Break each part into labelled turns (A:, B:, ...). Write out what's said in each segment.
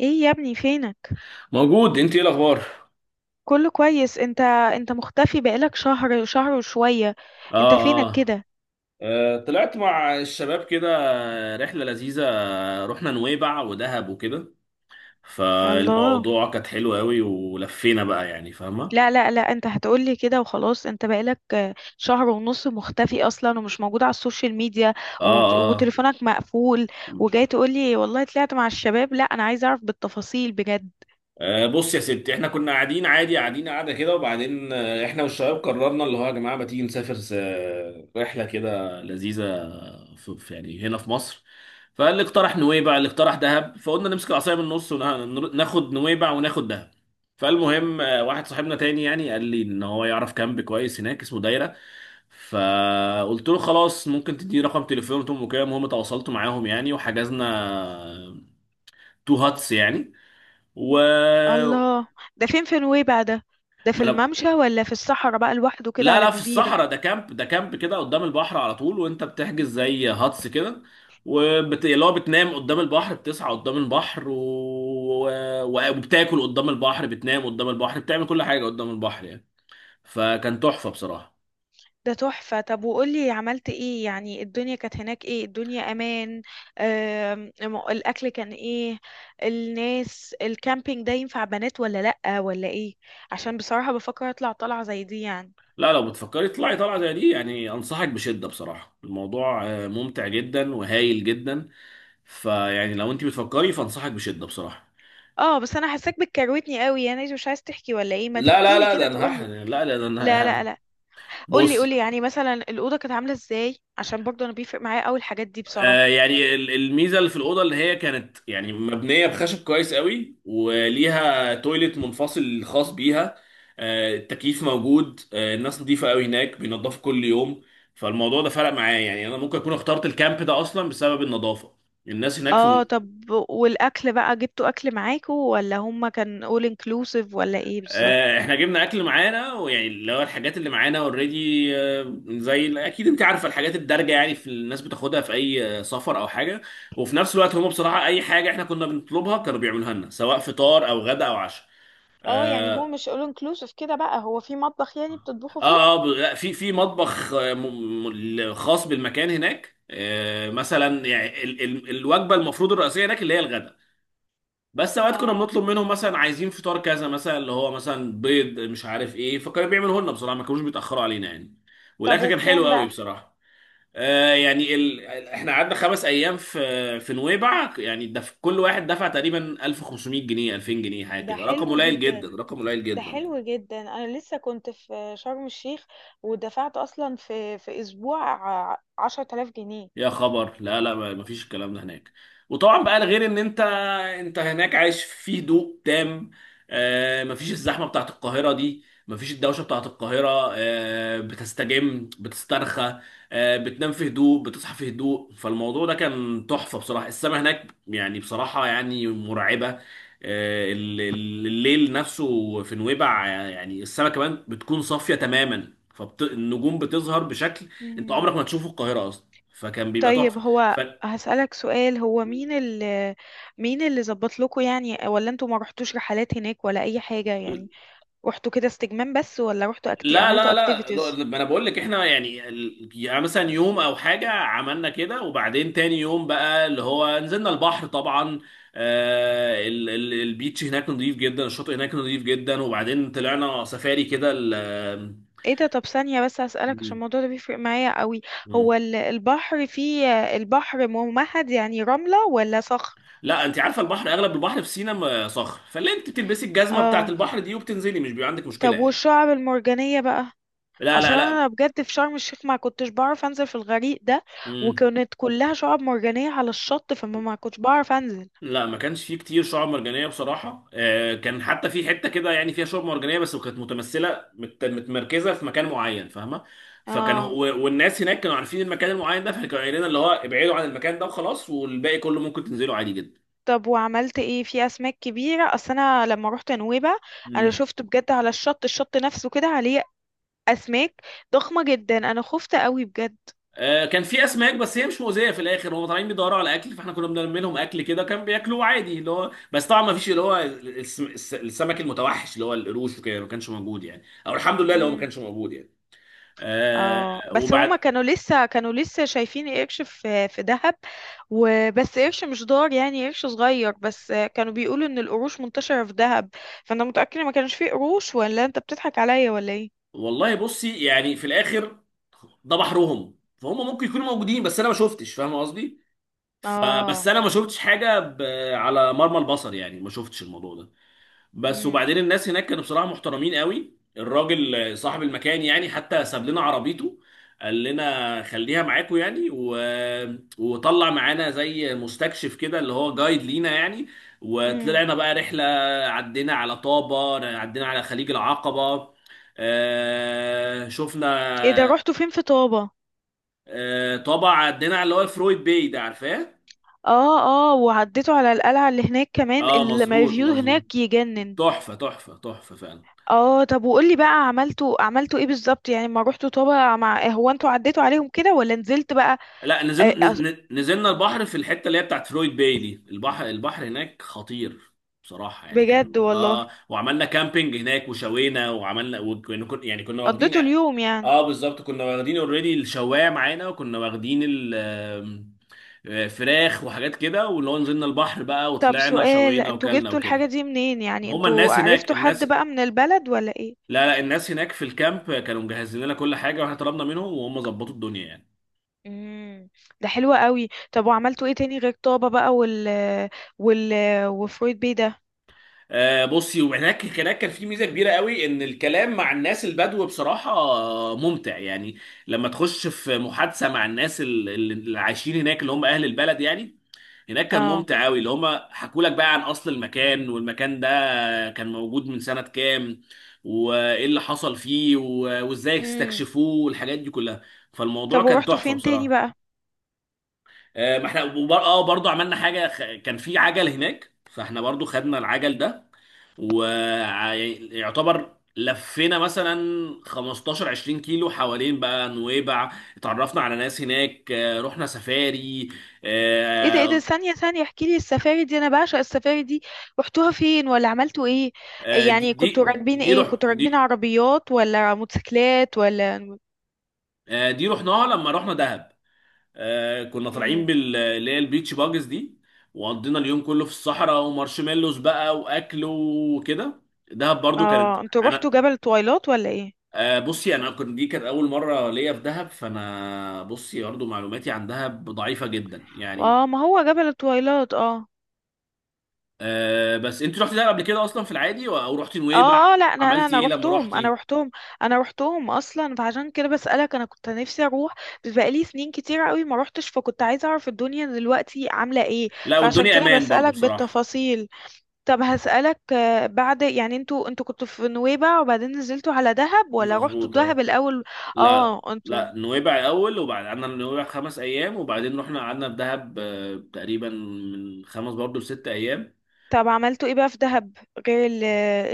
A: ايه يا ابني فينك؟
B: موجود، انت ايه الاخبار؟
A: كله كويس. انت مختفي بقالك شهر شهر وشوية. انت
B: اه،
A: فينك
B: اه.
A: كده؟
B: طلعت مع الشباب كده. رحله لذيذه. رحنا نويبع ودهب وكده.
A: الله.
B: فالموضوع كانت حلوه قوي ولفينا بقى يعني فاهمه.
A: لا لا لا، انت هتقولي كده وخلاص؟ انت بقالك شهر ونص مختفي اصلا، ومش موجود على السوشيال ميديا،
B: اه،
A: وتليفونك مقفول،
B: اه.
A: وجاي تقولي والله طلعت مع الشباب؟ لا، انا عايزه اعرف بالتفاصيل بجد.
B: بص يا ستي، احنا كنا قاعدين عادي قاعده كده وبعدين احنا والشباب قررنا اللي هو يا جماعه ما تيجي نسافر رحله كده لذيذه في يعني هنا في مصر. فاللي اقترح نويبع اللي اقترح دهب، فقلنا نمسك العصايه من النص وناخد نويبع وناخد دهب. فالمهم واحد صاحبنا تاني يعني قال لي ان هو يعرف كامب كويس هناك اسمه دايره. فقلت له خلاص ممكن تديني رقم تليفونهم وكده. المهم تواصلت معاهم يعني وحجزنا تو هاتس يعني و...
A: الله. ده فين في نويبع ده؟ ده في
B: ما انا
A: الممشى ولا في الصحراء بقى لوحده كده
B: لا
A: على
B: لا، في
A: جزيرة؟
B: الصحراء. ده كامب، ده كامب كده قدام البحر على طول. وانت بتحجز زي هاتس كده اللي هو بتنام قدام البحر، بتسعى قدام البحر وبتاكل قدام البحر، بتنام قدام البحر، بتعمل كل حاجة قدام البحر يعني. فكان تحفة بصراحة.
A: ده تحفة. طب وقولي عملت ايه؟ يعني الدنيا كانت هناك ايه؟ الدنيا امان؟ الاكل كان ايه؟ الناس الكامبينج ده ينفع بنات ولا لأ ولا ايه؟ عشان بصراحة بفكر اطلع طلعة زي دي يعني.
B: لا، لو بتفكري تطلعي طلعة زي دي يعني أنصحك بشدة بصراحة. الموضوع ممتع
A: مم.
B: جدا وهايل جدا. فيعني لو انت بتفكري فأنصحك بشدة بصراحة.
A: اه بس انا حاساك بتكروتني قوي، يعني مش عايز تحكي ولا ايه؟ ما
B: لا لا
A: تحكيلي
B: لا،
A: كده تقولي.
B: لا لا،
A: لا لا لا. قولي
B: بص.
A: قولي، يعني مثلا الأوضة كانت عاملة ازاي؟ عشان برضه انا بيفرق معايا قوي الحاجات دي بصراحة.
B: يعني الميزه اللي في الاوضه اللي هي كانت يعني مبنيه بخشب كويس قوي وليها تويلت منفصل خاص بيها. التكييف موجود. الناس نظيفه قوي هناك، بينضفوا كل يوم. فالموضوع ده فرق معايا يعني، انا ممكن اكون اخترت الكامب ده اصلا بسبب النظافه. الناس هناك في.
A: اه طب والاكل بقى، جبتوا اكل معاكوا ولا هما كان all inclusive ولا ايه بالظبط؟
B: احنا جبنا اكل معانا ويعني اللي هو الحاجات اللي معانا اوريدي، زي اكيد انت عارفه الحاجات الدارجه يعني في الناس بتاخدها في اي سفر او حاجه. وفي نفس الوقت هم بصراحه اي حاجه احنا كنا بنطلبها كانوا بيعملوها لنا، سواء فطار او غدا او عشاء.
A: اه يعني هو
B: اه.
A: مش all inclusive كده بقى، هو في مطبخ يعني بتطبخوا فيه؟
B: لا، في مطبخ. خاص بالمكان هناك. مثلا يعني الوجبه المفروض الرئيسيه هناك اللي هي الغدا. بس اوقات كنا
A: اه
B: بنطلب منهم مثلا عايزين فطار كذا، مثلا اللي هو مثلا بيض مش عارف ايه، فكانوا بيعملوه لنا بصراحه، ما كانوش بيتاخروا علينا يعني.
A: طب
B: والاكل كان حلو
A: وبكام
B: قوي
A: بقى؟
B: بصراحه. احنا قعدنا خمس ايام في نويبع يعني كل واحد دفع تقريبا 1500 جنيه 2000 جنيه حاجه
A: ده
B: كده. رقم
A: حلو
B: قليل جدا،
A: جدا.
B: رقم قليل
A: ده
B: جدا.
A: حلو جدا، انا لسه كنت في شرم الشيخ، ودفعت اصلا في اسبوع 10,000 جنيه.
B: يا خبر. لا لا، ما فيش الكلام ده هناك. وطبعا بقى غير ان انت هناك عايش في هدوء تام. ما فيش الزحمه بتاعت القاهره دي، ما فيش الدوشه بتاعت القاهره. بتستجم، بتسترخى. بتنام في هدوء، بتصحى في هدوء. فالموضوع ده كان تحفه بصراحه. السما هناك يعني بصراحه يعني مرعبه. الليل نفسه في نويبع يعني السما كمان بتكون صافيه تماما. فالنجوم بتظهر بشكل انت
A: مم.
B: عمرك ما تشوفه في القاهره اصلا. فكان بيبقى
A: طيب
B: تحفه.
A: هو،
B: ف...
A: هسألك سؤال، هو مين اللي، مين اللي ظبط لكم يعني؟ ولا انتوا ما رحتوش رحلات هناك ولا اي حاجة يعني؟ رحتوا كده استجمام بس ولا رحتوا
B: لا
A: عملتوا
B: لا لا
A: activities؟
B: لا، ما انا بقول لك احنا يعني يعني مثلا يوم او حاجه عملنا كده، وبعدين تاني يوم بقى اللي هو نزلنا البحر طبعا. البيتش هناك نظيف جدا، الشاطئ هناك نظيف جدا. وبعدين طلعنا سفاري كده ال- آم،
A: ايه ده؟ طب ثانية بس هسألك، عشان الموضوع ده بيفرق معايا قوي. هو
B: مم.
A: البحر فيه، البحر ممهد يعني رملة ولا صخر؟
B: لا، انت عارفه البحر اغلب البحر في سينا صخر. فاللي انت بتلبسي الجزمه بتاعت
A: اه
B: البحر دي وبتنزلي، مش بيبقى عندك مشكله
A: طب
B: يعني.
A: والشعب المرجانية بقى،
B: لا
A: عشان
B: لا
A: انا
B: لا.
A: بجد في شرم الشيخ ما كنتش بعرف انزل في الغريق ده،
B: مم.
A: وكانت كلها شعب مرجانية على الشط، فما ما كنتش بعرف انزل.
B: لا، ما كانش فيه كتير شعاب مرجانيه بصراحه. كان حتى في حته كده يعني فيها شعاب مرجانيه، بس كانت متمثله متمركزه في مكان معين، فاهمه؟ فكان هو
A: اه
B: والناس هناك كانوا عارفين المكان المعين ده، فكانوا قايلين لنا اللي هو ابعدوا عن المكان ده وخلاص، والباقي كله ممكن تنزلوا عادي جدا.
A: طب وعملت ايه في اسماك كبيرة؟ اصل انا لما روحت نويبع انا
B: مم.
A: شفت بجد على الشط، الشط نفسه كده عليه اسماك ضخمة جدا، انا خفت قوي بجد.
B: كان في اسماك، بس هي مش مؤذيه في الاخر. هم طالعين بيدوروا على اكل، فاحنا كنا بنرمي لهم اكل كده كان بياكلوه عادي. اللي هو بس طبعا ما فيش اللي هو السمك المتوحش اللي هو القروش وكده، ما كانش موجود يعني، او الحمد لله اللي هو ما كانش موجود يعني. آه،
A: اه بس هما
B: وبعد
A: كانوا لسه شايفين قرش في دهب. وبس قرش مش ضار يعني، قرش صغير بس، كانوا بيقولوا ان القروش منتشرة في دهب، فانا متأكدة ما كانش فيه قروش، ولا انت بتضحك عليا ولا ايه؟
B: والله بصي يعني في الاخر ده بحرهم، فهم ممكن يكونوا موجودين بس انا ما شفتش، فاهم قصدي؟ فبس
A: اه.
B: انا ما شفتش حاجه على مرمى البصر يعني. ما شفتش الموضوع ده. بس
A: امم.
B: وبعدين الناس هناك كانوا بصراحة محترمين قوي. الراجل صاحب المكان يعني حتى ساب لنا عربيته، قال لنا خليها معاكم يعني وطلع معانا زي مستكشف كده اللي هو جايد لينا يعني.
A: امم.
B: وطلعنا بقى رحلة، عدينا على طابة، عدينا على خليج العقبة. آه...
A: ايه ده؟
B: شفنا
A: رحتوا فين في طابة؟
B: طابة عدينا على اللي هو الفرويد باي ده، عارفاه؟
A: اه اه، وعديتوا على القلعة اللي هناك كمان.
B: اه مظبوط،
A: الفيو
B: مظبوط.
A: هناك يجنن.
B: تحفة تحفة تحفة فعلا.
A: اه طب وقولي بقى، عملتوا ايه بالظبط؟ يعني ما روحتوا طابة، مع هو انتوا عديتوا عليهم كده ولا نزلت بقى؟
B: لا
A: آه، أص-
B: نزلنا، البحر في الحته اللي هي بتاعت فلويد باي دي. البحر هناك خطير بصراحه يعني.
A: بجد
B: كان
A: والله؟
B: اه، وعملنا كامبينج هناك وشوينا وعملنا يعني كنا واخدين.
A: قضيته اليوم يعني.
B: اه بالظبط، كنا واخدين اوريدي الشوايه معانا، وكنا واخدين ال آم، آه، فراخ وحاجات كده. واللي هو نزلنا البحر بقى
A: طب
B: وطلعنا
A: سؤال،
B: شوينا
A: انتوا
B: وكلنا
A: جبتوا
B: وكده.
A: الحاجة دي منين؟ يعني
B: هما
A: انتوا
B: الناس هناك
A: عرفتوا حد
B: الناس
A: بقى من البلد ولا ايه؟
B: لا لا، الناس هناك في الكامب كانوا مجهزين لنا كل حاجه، واحنا طلبنا منهم وهم ظبطوا الدنيا يعني.
A: امم. ده حلو قوي. طب وعملتوا ايه تاني غير طابة بقى، وال، وال، وفرويد بيه ده؟
B: بصي، هناك كان في ميزه كبيره قوي ان الكلام مع الناس البدو بصراحه ممتع يعني. لما تخش في محادثه مع الناس اللي عايشين هناك اللي هم اهل البلد يعني. هناك كان
A: اه.
B: ممتع قوي. اللي هم حكوا لك بقى عن اصل المكان، والمكان ده كان موجود من سنه كام، وايه اللي حصل فيه وازاي
A: امم.
B: استكشفوه، والحاجات دي كلها. فالموضوع
A: طب
B: كان
A: ورحتوا
B: تحفه
A: فين تاني
B: بصراحه.
A: بقى؟
B: آه، ما احنا وبر- اه برضه عملنا حاجه، كان في عجل هناك، فاحنا برضه خدنا العجل ده ويعتبر لفينا مثلا 15 20 كيلو حوالين بقى نويبع. اتعرفنا على ناس هناك، رحنا سفاري.
A: ايه ده، ايه ده؟
B: آه،
A: ثانية ثانية، احكي لي السفاري دي، انا بعشق السفاري دي. رحتوها فين ولا عملتوا ايه؟
B: آه، دي
A: يعني كنتوا
B: دي
A: راكبين
B: دي
A: ايه،
B: رح
A: كنتوا
B: دي
A: راكبين عربيات ولا موتوسيكلات ولا؟
B: دي رحناها لما رحنا دهب. كنا طالعين
A: امم.
B: بال، اللي هي البيتش باجز دي. وقضينا اليوم كله في الصحراء، ومارشميلوز بقى واكل وكده. دهب برضو كانت
A: اه انتوا رحتوا
B: انا.
A: جبل طويلات ولا ايه؟
B: بصي، انا كنت، دي كانت اول مره ليا في دهب، فانا بصي برضه معلوماتي عن دهب ضعيفه جدا يعني.
A: اه ما هو جبل التويلات اه
B: أه، بس انت رحتي دهب قبل كده اصلا في العادي او رحتي نويبع؟
A: اه اه، لا انا انا
B: عملتي
A: انا
B: ايه لما
A: روحتهم، انا
B: رحتي؟
A: روحتهم. انا روحتهم اصلا، فعشان كده بسألك، انا كنت نفسي اروح، بس بقالي سنين كتير قوي ما روحتش، فكنت عايزة اعرف الدنيا دلوقتي عاملة ايه.
B: لا،
A: فعشان
B: والدنيا
A: كده
B: امان برضه
A: بسألك
B: بصراحه.
A: بالتفاصيل. طب هسألك، بعد يعني، انتوا كنتوا في نويبع وبعدين نزلتوا على دهب ولا رحتوا
B: مظبوط
A: دهب
B: اه.
A: الاول؟
B: لا لا
A: اه انتوا.
B: لا، نويبع الاول. وبعد قعدنا في نويبع خمس ايام، وبعدين رحنا قعدنا في دهب تقريبا من خمس برضه لست ايام.
A: طب عملتوا ايه بقى في دهب، غير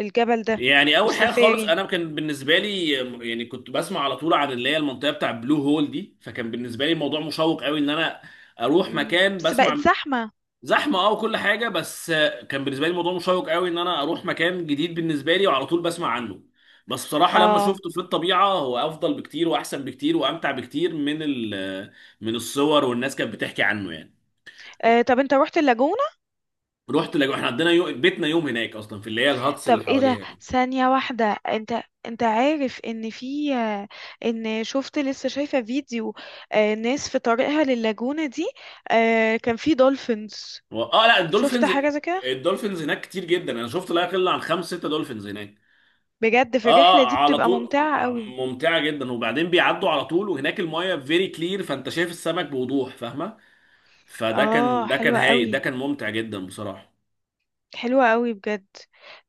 A: الجبل ده،
B: يعني اول حاجه خالص
A: والسفاري؟
B: انا كان بالنسبه لي، يعني كنت بسمع على طول عن اللي هي المنطقه بتاع بلو هول دي. فكان بالنسبه لي الموضوع مشوق قوي ان انا اروح
A: مم.
B: مكان
A: بس بقت
B: بسمع.
A: زحمة.
B: زحمه، اه، وكل حاجه. بس كان بالنسبه لي الموضوع مشوق قوي ان انا اروح مكان جديد بالنسبه لي، وعلى طول بسمع عنه. بس بصراحه لما
A: اه.
B: شفته في الطبيعه، هو افضل بكتير واحسن بكتير وامتع بكتير من من الصور والناس كانت بتحكي عنه يعني.
A: آه طب انت رحت اللاجونة؟
B: رحت احنا عندنا بيتنا يوم هناك اصلا في اللي هي الهاتس اللي
A: طب ايه ده؟
B: حواليها.
A: ثانية واحدة، انت عارف ان في، ان شفت، لسه شايفة فيديو آه، ناس في طريقها للاجونة دي، آه كان في دولفينز؟
B: لا،
A: شفت
B: الدولفينز.
A: حاجة زي كده؟
B: الدولفينز هناك كتير جدا. انا شفت لا يقل عن خمس ست دولفينز هناك.
A: بجد
B: اه،
A: في الرحلة
B: اه،
A: دي
B: على
A: بتبقى
B: طول
A: ممتعة قوي.
B: ممتعه جدا. وبعدين بيعدوا على طول، وهناك المايه فيري كلير، فانت شايف السمك بوضوح، فاهمه؟ فده كان،
A: اه
B: ده كان
A: حلوة
B: هاي، ده
A: قوي.
B: كان ممتع جدا بصراحه.
A: حلوة قوي بجد.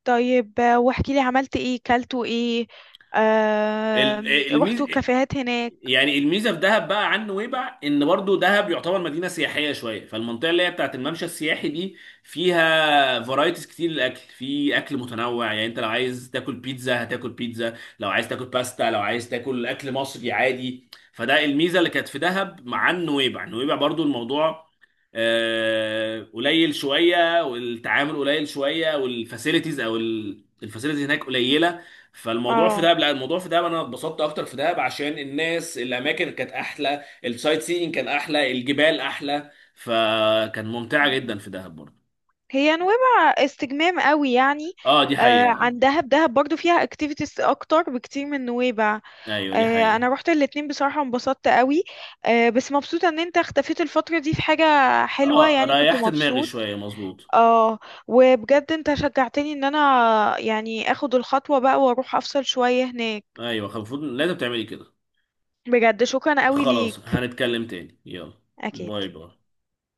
A: طيب واحكي لي عملت ايه، كلتوا ايه، آه
B: الميز
A: رحتوا كافيهات هناك؟
B: يعني الميزه في دهب بقى عن نويبع، ان برضو دهب يعتبر مدينه سياحيه شويه. فالمنطقه اللي هي بتاعت الممشى السياحي دي فيها فرايتيز كتير للاكل، في اكل متنوع يعني. انت لو عايز تاكل بيتزا، هتاكل بيتزا، لو عايز تاكل باستا، لو عايز تاكل اكل مصري عادي. فده الميزه اللي كانت في دهب مع نويبع. نويبع برضو الموضوع قليل شويه، والتعامل قليل شويه، والفاسيلتيز او الفاسيلتيز هناك قليله. فالموضوع في
A: اه،
B: دهب، لا الموضوع في دهب انا اتبسطت اكتر في دهب عشان الناس، الاماكن كانت احلى، السايت سينج كان احلى، الجبال احلى، فكان ممتعه جدا في دهب برضه.
A: هي نويبع استجمام قوي يعني.
B: اه دي
A: آه
B: حقيقه.
A: عن دهب، دهب برضو فيها اكتيفيتيز اكتر بكتير من نويبع.
B: ايوه دي
A: آه
B: حقيقه.
A: انا روحت الاتنين، بصراحة انبسطت قوي. آه بس مبسوطة ان انت اختفيت الفترة دي في حاجة حلوة،
B: اه،
A: يعني كنت
B: ريحت دماغي
A: مبسوط.
B: شويه، مظبوط.
A: اه. وبجد انت شجعتني ان انا يعني اخد الخطوة بقى واروح افصل شوية هناك.
B: ايوه، المفروض لازم تعملي كده.
A: بجد شكرا قوي
B: خلاص،
A: ليك.
B: هنتكلم تاني. يلا،
A: اكيد.
B: باي باي.